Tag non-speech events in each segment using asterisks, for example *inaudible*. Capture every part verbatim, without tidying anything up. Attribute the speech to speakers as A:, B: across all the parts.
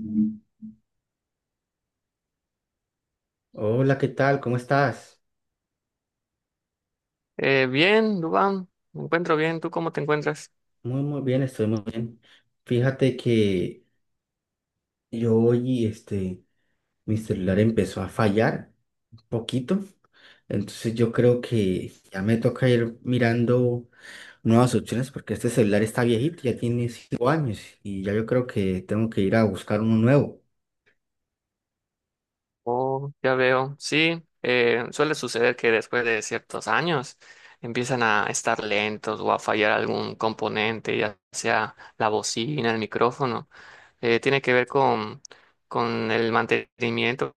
A: Mm. Hola, ¿qué tal? ¿Cómo estás?
B: Eh, bien, Dubán, me encuentro bien. ¿Tú cómo te encuentras?
A: Muy, muy bien, estoy muy bien. Fíjate que yo hoy, este, mi celular empezó a fallar un poquito, entonces yo creo que ya me toca ir mirando nuevas opciones porque este celular está viejito, ya tiene cinco años y ya yo creo que tengo que ir a buscar uno nuevo.
B: Oh, ya veo. Sí, eh, suele suceder que después de ciertos años empiezan a estar lentos o a fallar algún componente, ya sea la bocina, el micrófono. Eh, tiene que ver con, con el mantenimiento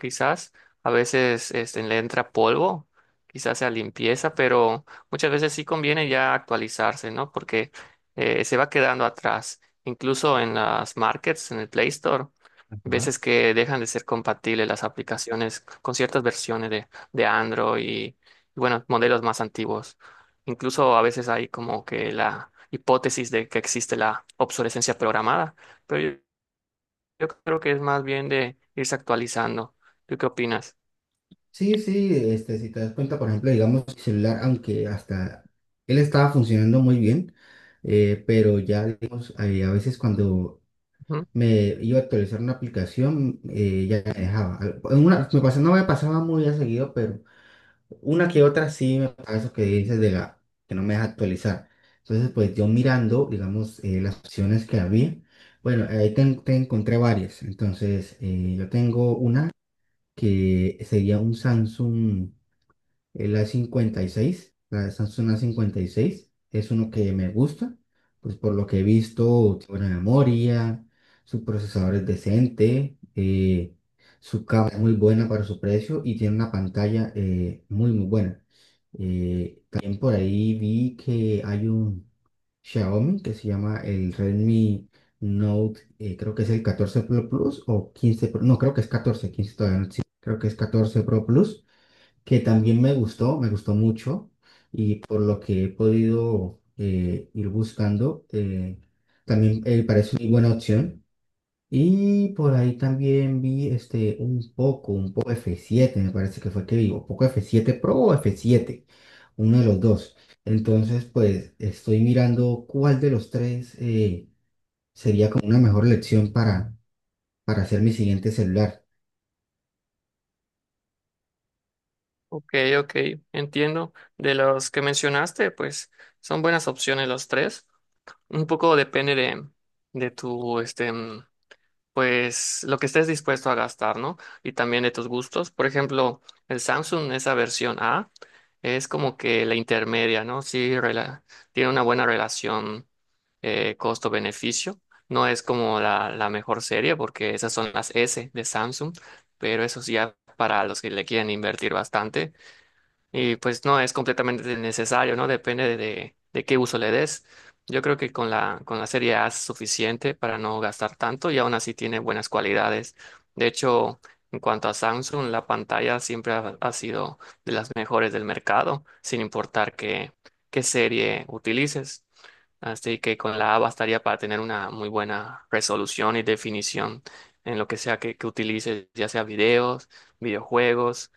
B: quizás a veces este, le entra polvo, quizás sea limpieza, pero muchas veces sí conviene ya actualizarse, ¿no? Porque eh, se va quedando atrás. Incluso en las markets, en el Play Store,
A: Ajá.
B: veces que dejan de ser compatibles las aplicaciones con ciertas versiones de, de Android y, bueno, modelos más antiguos. Incluso a veces hay como que la hipótesis de que existe la obsolescencia programada, pero yo yo creo que es más bien de irse actualizando. ¿Tú qué opinas?
A: Sí, sí, este, si te das cuenta, por ejemplo, digamos, mi celular, aunque hasta él estaba funcionando muy bien, eh, pero ya, digamos, eh, a veces cuando
B: Ujú.
A: me iba a actualizar una aplicación, eh, ya me dejaba. Al- en una, me pasa- no me pasaba muy a seguido, pero una que otra sí me pasa eso que dices de la que no me deja actualizar. Entonces, pues yo mirando, digamos, eh, las opciones que había, bueno, ahí te, en- te encontré varias. Entonces, eh, yo tengo una que sería un Samsung. El a cincuenta y seis, la Samsung a cincuenta y seis es uno que me gusta, pues por lo que he visto, tiene buena memoria, su procesador es decente, eh, su cámara es muy buena para su precio y tiene una pantalla eh, muy, muy buena. Eh, también por ahí vi que hay un Xiaomi que se llama el Redmi Note, eh, creo que es el catorce Pro Plus o quince Pro, no, creo que es catorce, quince todavía no existe, creo que es catorce Pro Plus, que también me gustó, me gustó mucho, y por lo que he podido eh, ir buscando, eh, también eh, parece una buena opción. Y por ahí también vi este, un poco, un poco f siete me parece que fue que vi, un poco f siete Pro o f siete, uno de los dos. Entonces, pues estoy mirando cuál de los tres eh, sería como una mejor elección para, para hacer mi siguiente celular.
B: Ok, ok, entiendo. De los que mencionaste, pues son buenas opciones los tres. Un poco depende de, de tu este, pues lo que estés dispuesto a gastar, ¿no? Y también de tus gustos. Por ejemplo, el Samsung, esa versión A, es como que la intermedia, ¿no? Sí, rela- tiene una buena relación eh, costo-beneficio. No es como la, la mejor serie porque esas son las S de Samsung, pero eso sí ya para los que le quieren invertir bastante, y pues no es completamente necesario, ¿no? Depende de, de- de qué uso le des. Yo creo que con la, con la serie A es suficiente para no gastar tanto y aún así tiene buenas cualidades. De hecho, en cuanto a Samsung, la pantalla siempre ha, ha sido de las mejores del mercado, sin importar qué, qué serie utilices. Así que con la A bastaría para tener una muy buena resolución y definición en lo que sea que, que utilices, ya sea videos, videojuegos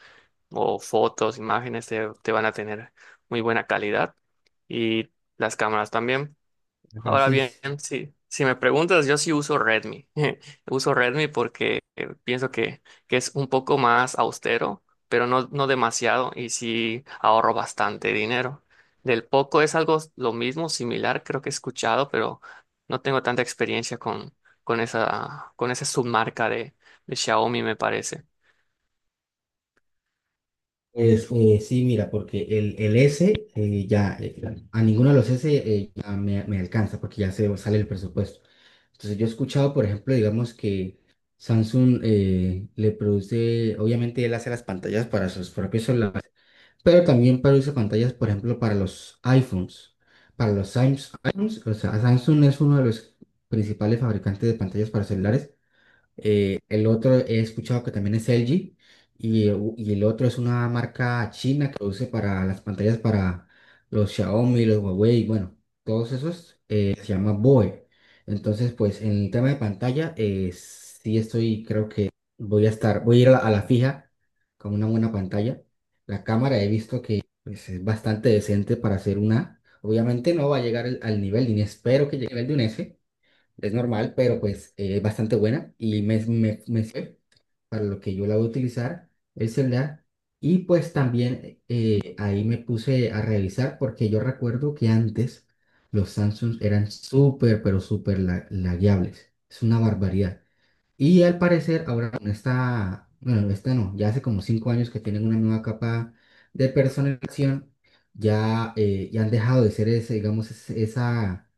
B: o fotos, imágenes, te, te van a tener muy buena calidad y las cámaras también. Ahora
A: Así
B: bien,
A: es.
B: si, si me preguntas, yo sí uso Redmi. *laughs* Uso Redmi porque eh, pienso que, que es un poco más austero, pero no, no demasiado y sí ahorro bastante dinero. Del Poco es algo lo mismo, similar, creo que he escuchado, pero no tengo tanta experiencia con, con esa, con esa submarca de, de Xiaomi, me parece.
A: Pues eh, sí, mira, porque el, el S eh, ya, eh, a ninguno de los S eh, ya me, me alcanza porque ya se sale el presupuesto. Entonces yo he escuchado, por ejemplo, digamos que Samsung eh, le produce, obviamente él hace las pantallas para sus propios celulares, pero también produce pantallas, por ejemplo, para los iPhones. Para los Samsung, iPhones, o sea, Samsung es uno de los principales fabricantes de pantallas para celulares, eh, el otro he escuchado que también es L G y, eh, u- y el otro es una marca china que produce para las pantallas para los Xiaomi, los Huawei, bueno, todos esos eh, se llama B O E. Entonces, pues en el tema de pantalla, eh, sí estoy, creo que voy a estar, voy a ir a la, a la fija con una buena pantalla. La cámara he visto que pues, es bastante decente para hacer una. Obviamente no va a llegar al, al nivel, ni espero que llegue al de un S, es normal, pero pues eh, es bastante buena y me, me, me sirve para lo que yo la voy a utilizar, el celular. Y pues también eh, ahí me puse a revisar porque yo recuerdo que antes los Samsung eran súper, pero súper la- lagueables. Es una barbaridad. Y al parecer ahora con esta, bueno, esta no, ya hace como cinco años que tienen una nueva capa de personalización, ya, eh, ya han dejado de ser ese, digamos, ese- esa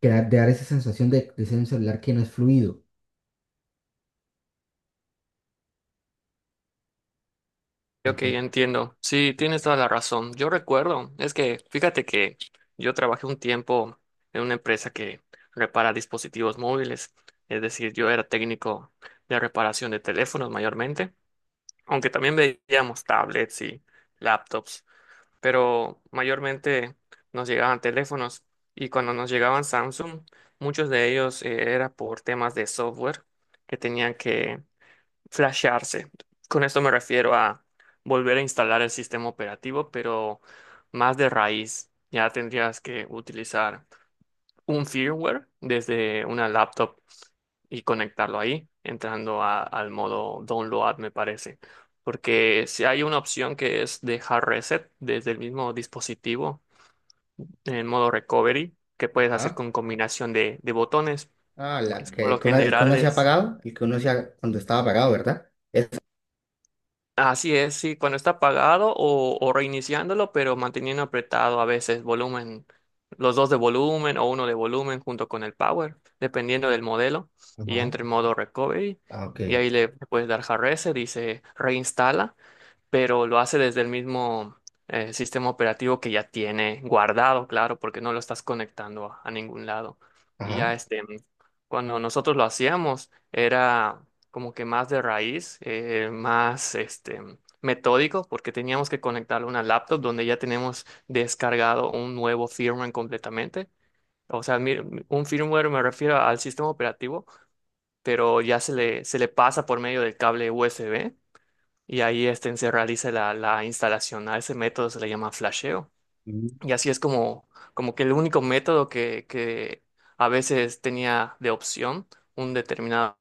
A: que da- de dar esa sensación de, de ser un celular que no es fluido.
B: Ok,
A: Entonces,
B: entiendo. Sí, tienes toda la razón. Yo recuerdo, es que fíjate que yo trabajé un tiempo en una empresa que repara dispositivos móviles, es decir, yo era técnico de reparación de teléfonos mayormente, aunque también veíamos tablets y laptops, pero mayormente nos llegaban teléfonos y cuando nos llegaban Samsung, muchos de ellos eh, era por temas de software que tenían que flashearse. Con esto me refiero a volver a instalar el sistema operativo, pero más de raíz. Ya tendrías que utilizar un firmware desde una laptop y conectarlo ahí, entrando a- al modo download, me parece. Porque si hay una opción que es dejar reset desde el mismo dispositivo en modo recovery, que puedes hacer
A: Ajá.
B: con combinación de, de botones.
A: Ah, la
B: Por
A: que, el
B: lo
A: que uno, el que
B: general
A: uno se ha
B: es.
A: apagado, el que uno se ha- cuando estaba apagado, ¿verdad? Esa.
B: Así es, sí, cuando está apagado o, o reiniciándolo, pero manteniendo apretado a veces volumen, los dos de volumen o uno de volumen junto con el power, dependiendo del modelo, y
A: Ajá.
B: entra en modo recovery,
A: Ah, ok.
B: y ahí le puedes dar hard reset, dice reinstala, pero lo hace desde el mismo eh, sistema operativo que ya tiene guardado, claro, porque no lo estás conectando a, a ningún lado. Y
A: Ajá.
B: ya este, cuando nosotros lo hacíamos, era como que más de raíz, eh, más este metódico, porque teníamos que conectarlo a una laptop donde ya tenemos descargado un nuevo firmware completamente. O sea, mi- un firmware me refiero al sistema operativo, pero ya se le, se le pasa por medio del cable U S B y ahí este, se realiza la, la instalación. A ese método se le llama flasheo.
A: Mm.
B: Y así es como, como que el único método que, que a veces tenía de opción un determinado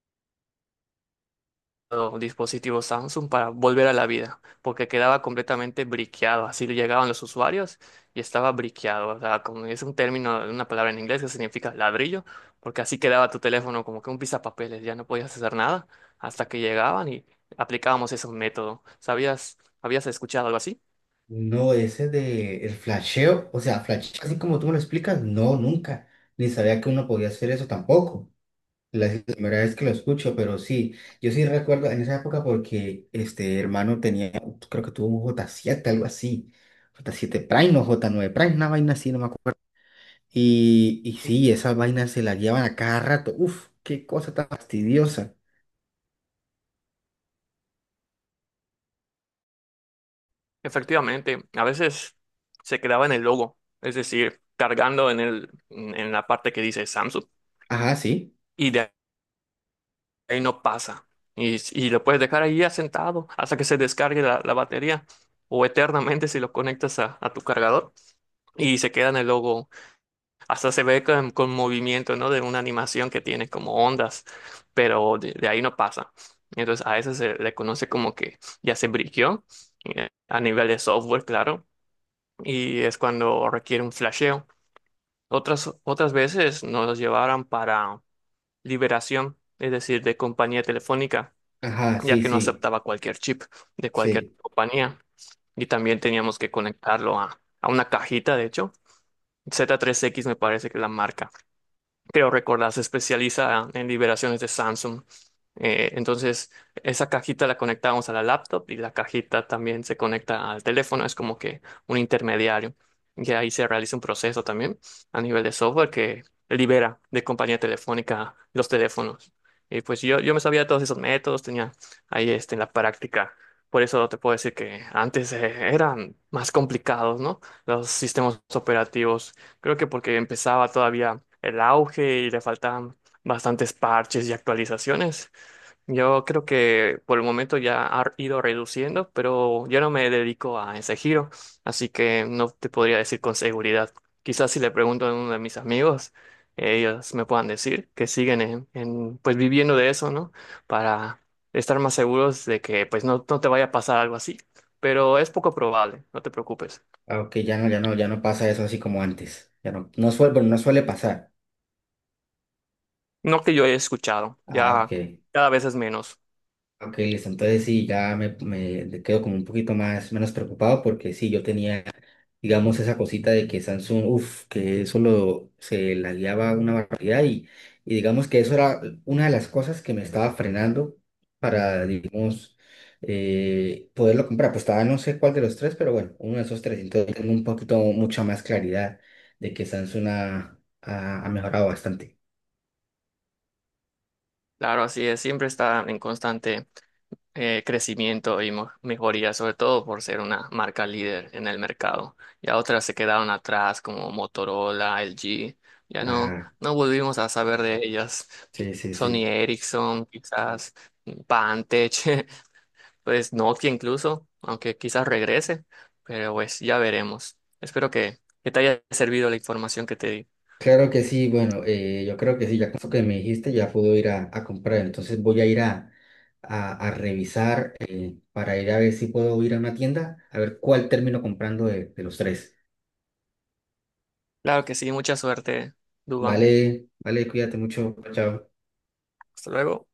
B: dispositivo Samsung para volver a la vida, porque quedaba completamente briqueado. Así llegaban los usuarios y estaba briqueado. O sea, como es un término, una palabra en inglés que significa ladrillo, porque así quedaba tu teléfono como que un pisapapeles, ya no podías hacer nada hasta que llegaban y aplicábamos ese método. ¿Sabías, habías escuchado algo así?
A: No, ese de el flasheo, o sea, flash, así como tú me lo explicas, no, nunca. Ni sabía que uno podía hacer eso tampoco. La, es la primera vez que lo escucho, pero sí, yo sí recuerdo en esa época porque este hermano tenía, creo que tuvo un j siete algo así. j siete Prime o j nueve Prime, una vaina así, no me acuerdo. Y, y sí, esas vainas se las llevan a cada rato. Uf, qué cosa tan fastidiosa.
B: Efectivamente, a veces se quedaba en el logo, es decir, cargando en el, en la parte que dice Samsung.
A: Ajá, sí.
B: Y de ahí no pasa. Y, y lo puedes dejar ahí asentado hasta que se descargue la, la batería o eternamente si lo conectas a, a tu cargador y se queda en el logo. Hasta se ve con, con movimiento, ¿no? De una animación que tiene como ondas, pero de, de ahí no pasa. Entonces a eso se le conoce como que ya se briqueó eh, a nivel de software, claro, y es cuando requiere un flasheo. Otras, otras veces nos los llevaron para liberación, es decir, de compañía telefónica
A: Ajá,
B: ya
A: sí,
B: que no
A: sí.
B: aceptaba cualquier chip de cualquier
A: Sí.
B: compañía y también teníamos que conectarlo a, a una cajita, de hecho. Z tres X me parece que es la marca, creo recordar, se especializa en liberaciones de Samsung. Eh, entonces, esa cajita la conectamos a la laptop y la cajita también se conecta al teléfono, es como que un intermediario. Y ahí se realiza un proceso también a nivel de software que libera de compañía telefónica los teléfonos. Y pues yo, yo me sabía de todos esos métodos, tenía ahí este, en la práctica. Por eso te puedo decir que antes eh, eran más complicados, ¿no? Los sistemas operativos. Creo que porque empezaba todavía el auge y le faltaban bastantes parches y actualizaciones. Yo creo que por el momento ya ha ido reduciendo, pero yo no me dedico a ese giro, así que no te podría decir con seguridad. Quizás si le pregunto a uno de mis amigos, ellos me puedan decir que siguen en, en, pues viviendo de eso, ¿no? Para estar más seguros de que pues no, no te vaya a pasar algo así, pero es poco probable, no te preocupes.
A: Ah, ok, ya no, ya no, ya no pasa eso así como antes. Ya no, no suele, bueno, no suele pasar.
B: No que yo haya escuchado,
A: Ah, ok.
B: ya cada vez es menos.
A: Ok, listo. Entonces sí, ya me, me quedo como un poquito más, menos preocupado porque sí, yo tenía digamos, esa cosita de que Samsung, uff, que eso lo, se la guiaba una barbaridad y, y digamos que eso era una de las cosas que me estaba frenando para, digamos, eh, poderlo comprar. Pues estaba no sé cuál de los tres, pero bueno, uno de esos tres. Entonces tengo un poquito, mucha más claridad de que Samsung ha, ha- ha mejorado bastante.
B: Claro, así es, siempre está en constante eh, crecimiento y mo- mejoría, sobre todo por ser una marca líder en el mercado. Ya otras se quedaron atrás como Motorola, L G, ya no,
A: Ajá,
B: no volvimos a saber de ellas.
A: sí, sí,
B: Sony
A: sí.
B: Ericsson, quizás Pantech, *laughs* pues Nokia incluso, aunque quizás regrese, pero pues ya veremos. Espero que, que te haya servido la información que te di.
A: Claro que sí, bueno, eh, yo creo que sí, ya con eso que me dijiste ya puedo ir a, a comprar, entonces voy a ir a, a, a revisar eh, para ir a ver si puedo ir a una tienda, a ver cuál termino comprando de, de los tres.
B: Claro que sí, mucha suerte, Dubán.
A: Vale, vale, cuídate mucho, chao.
B: Hasta luego.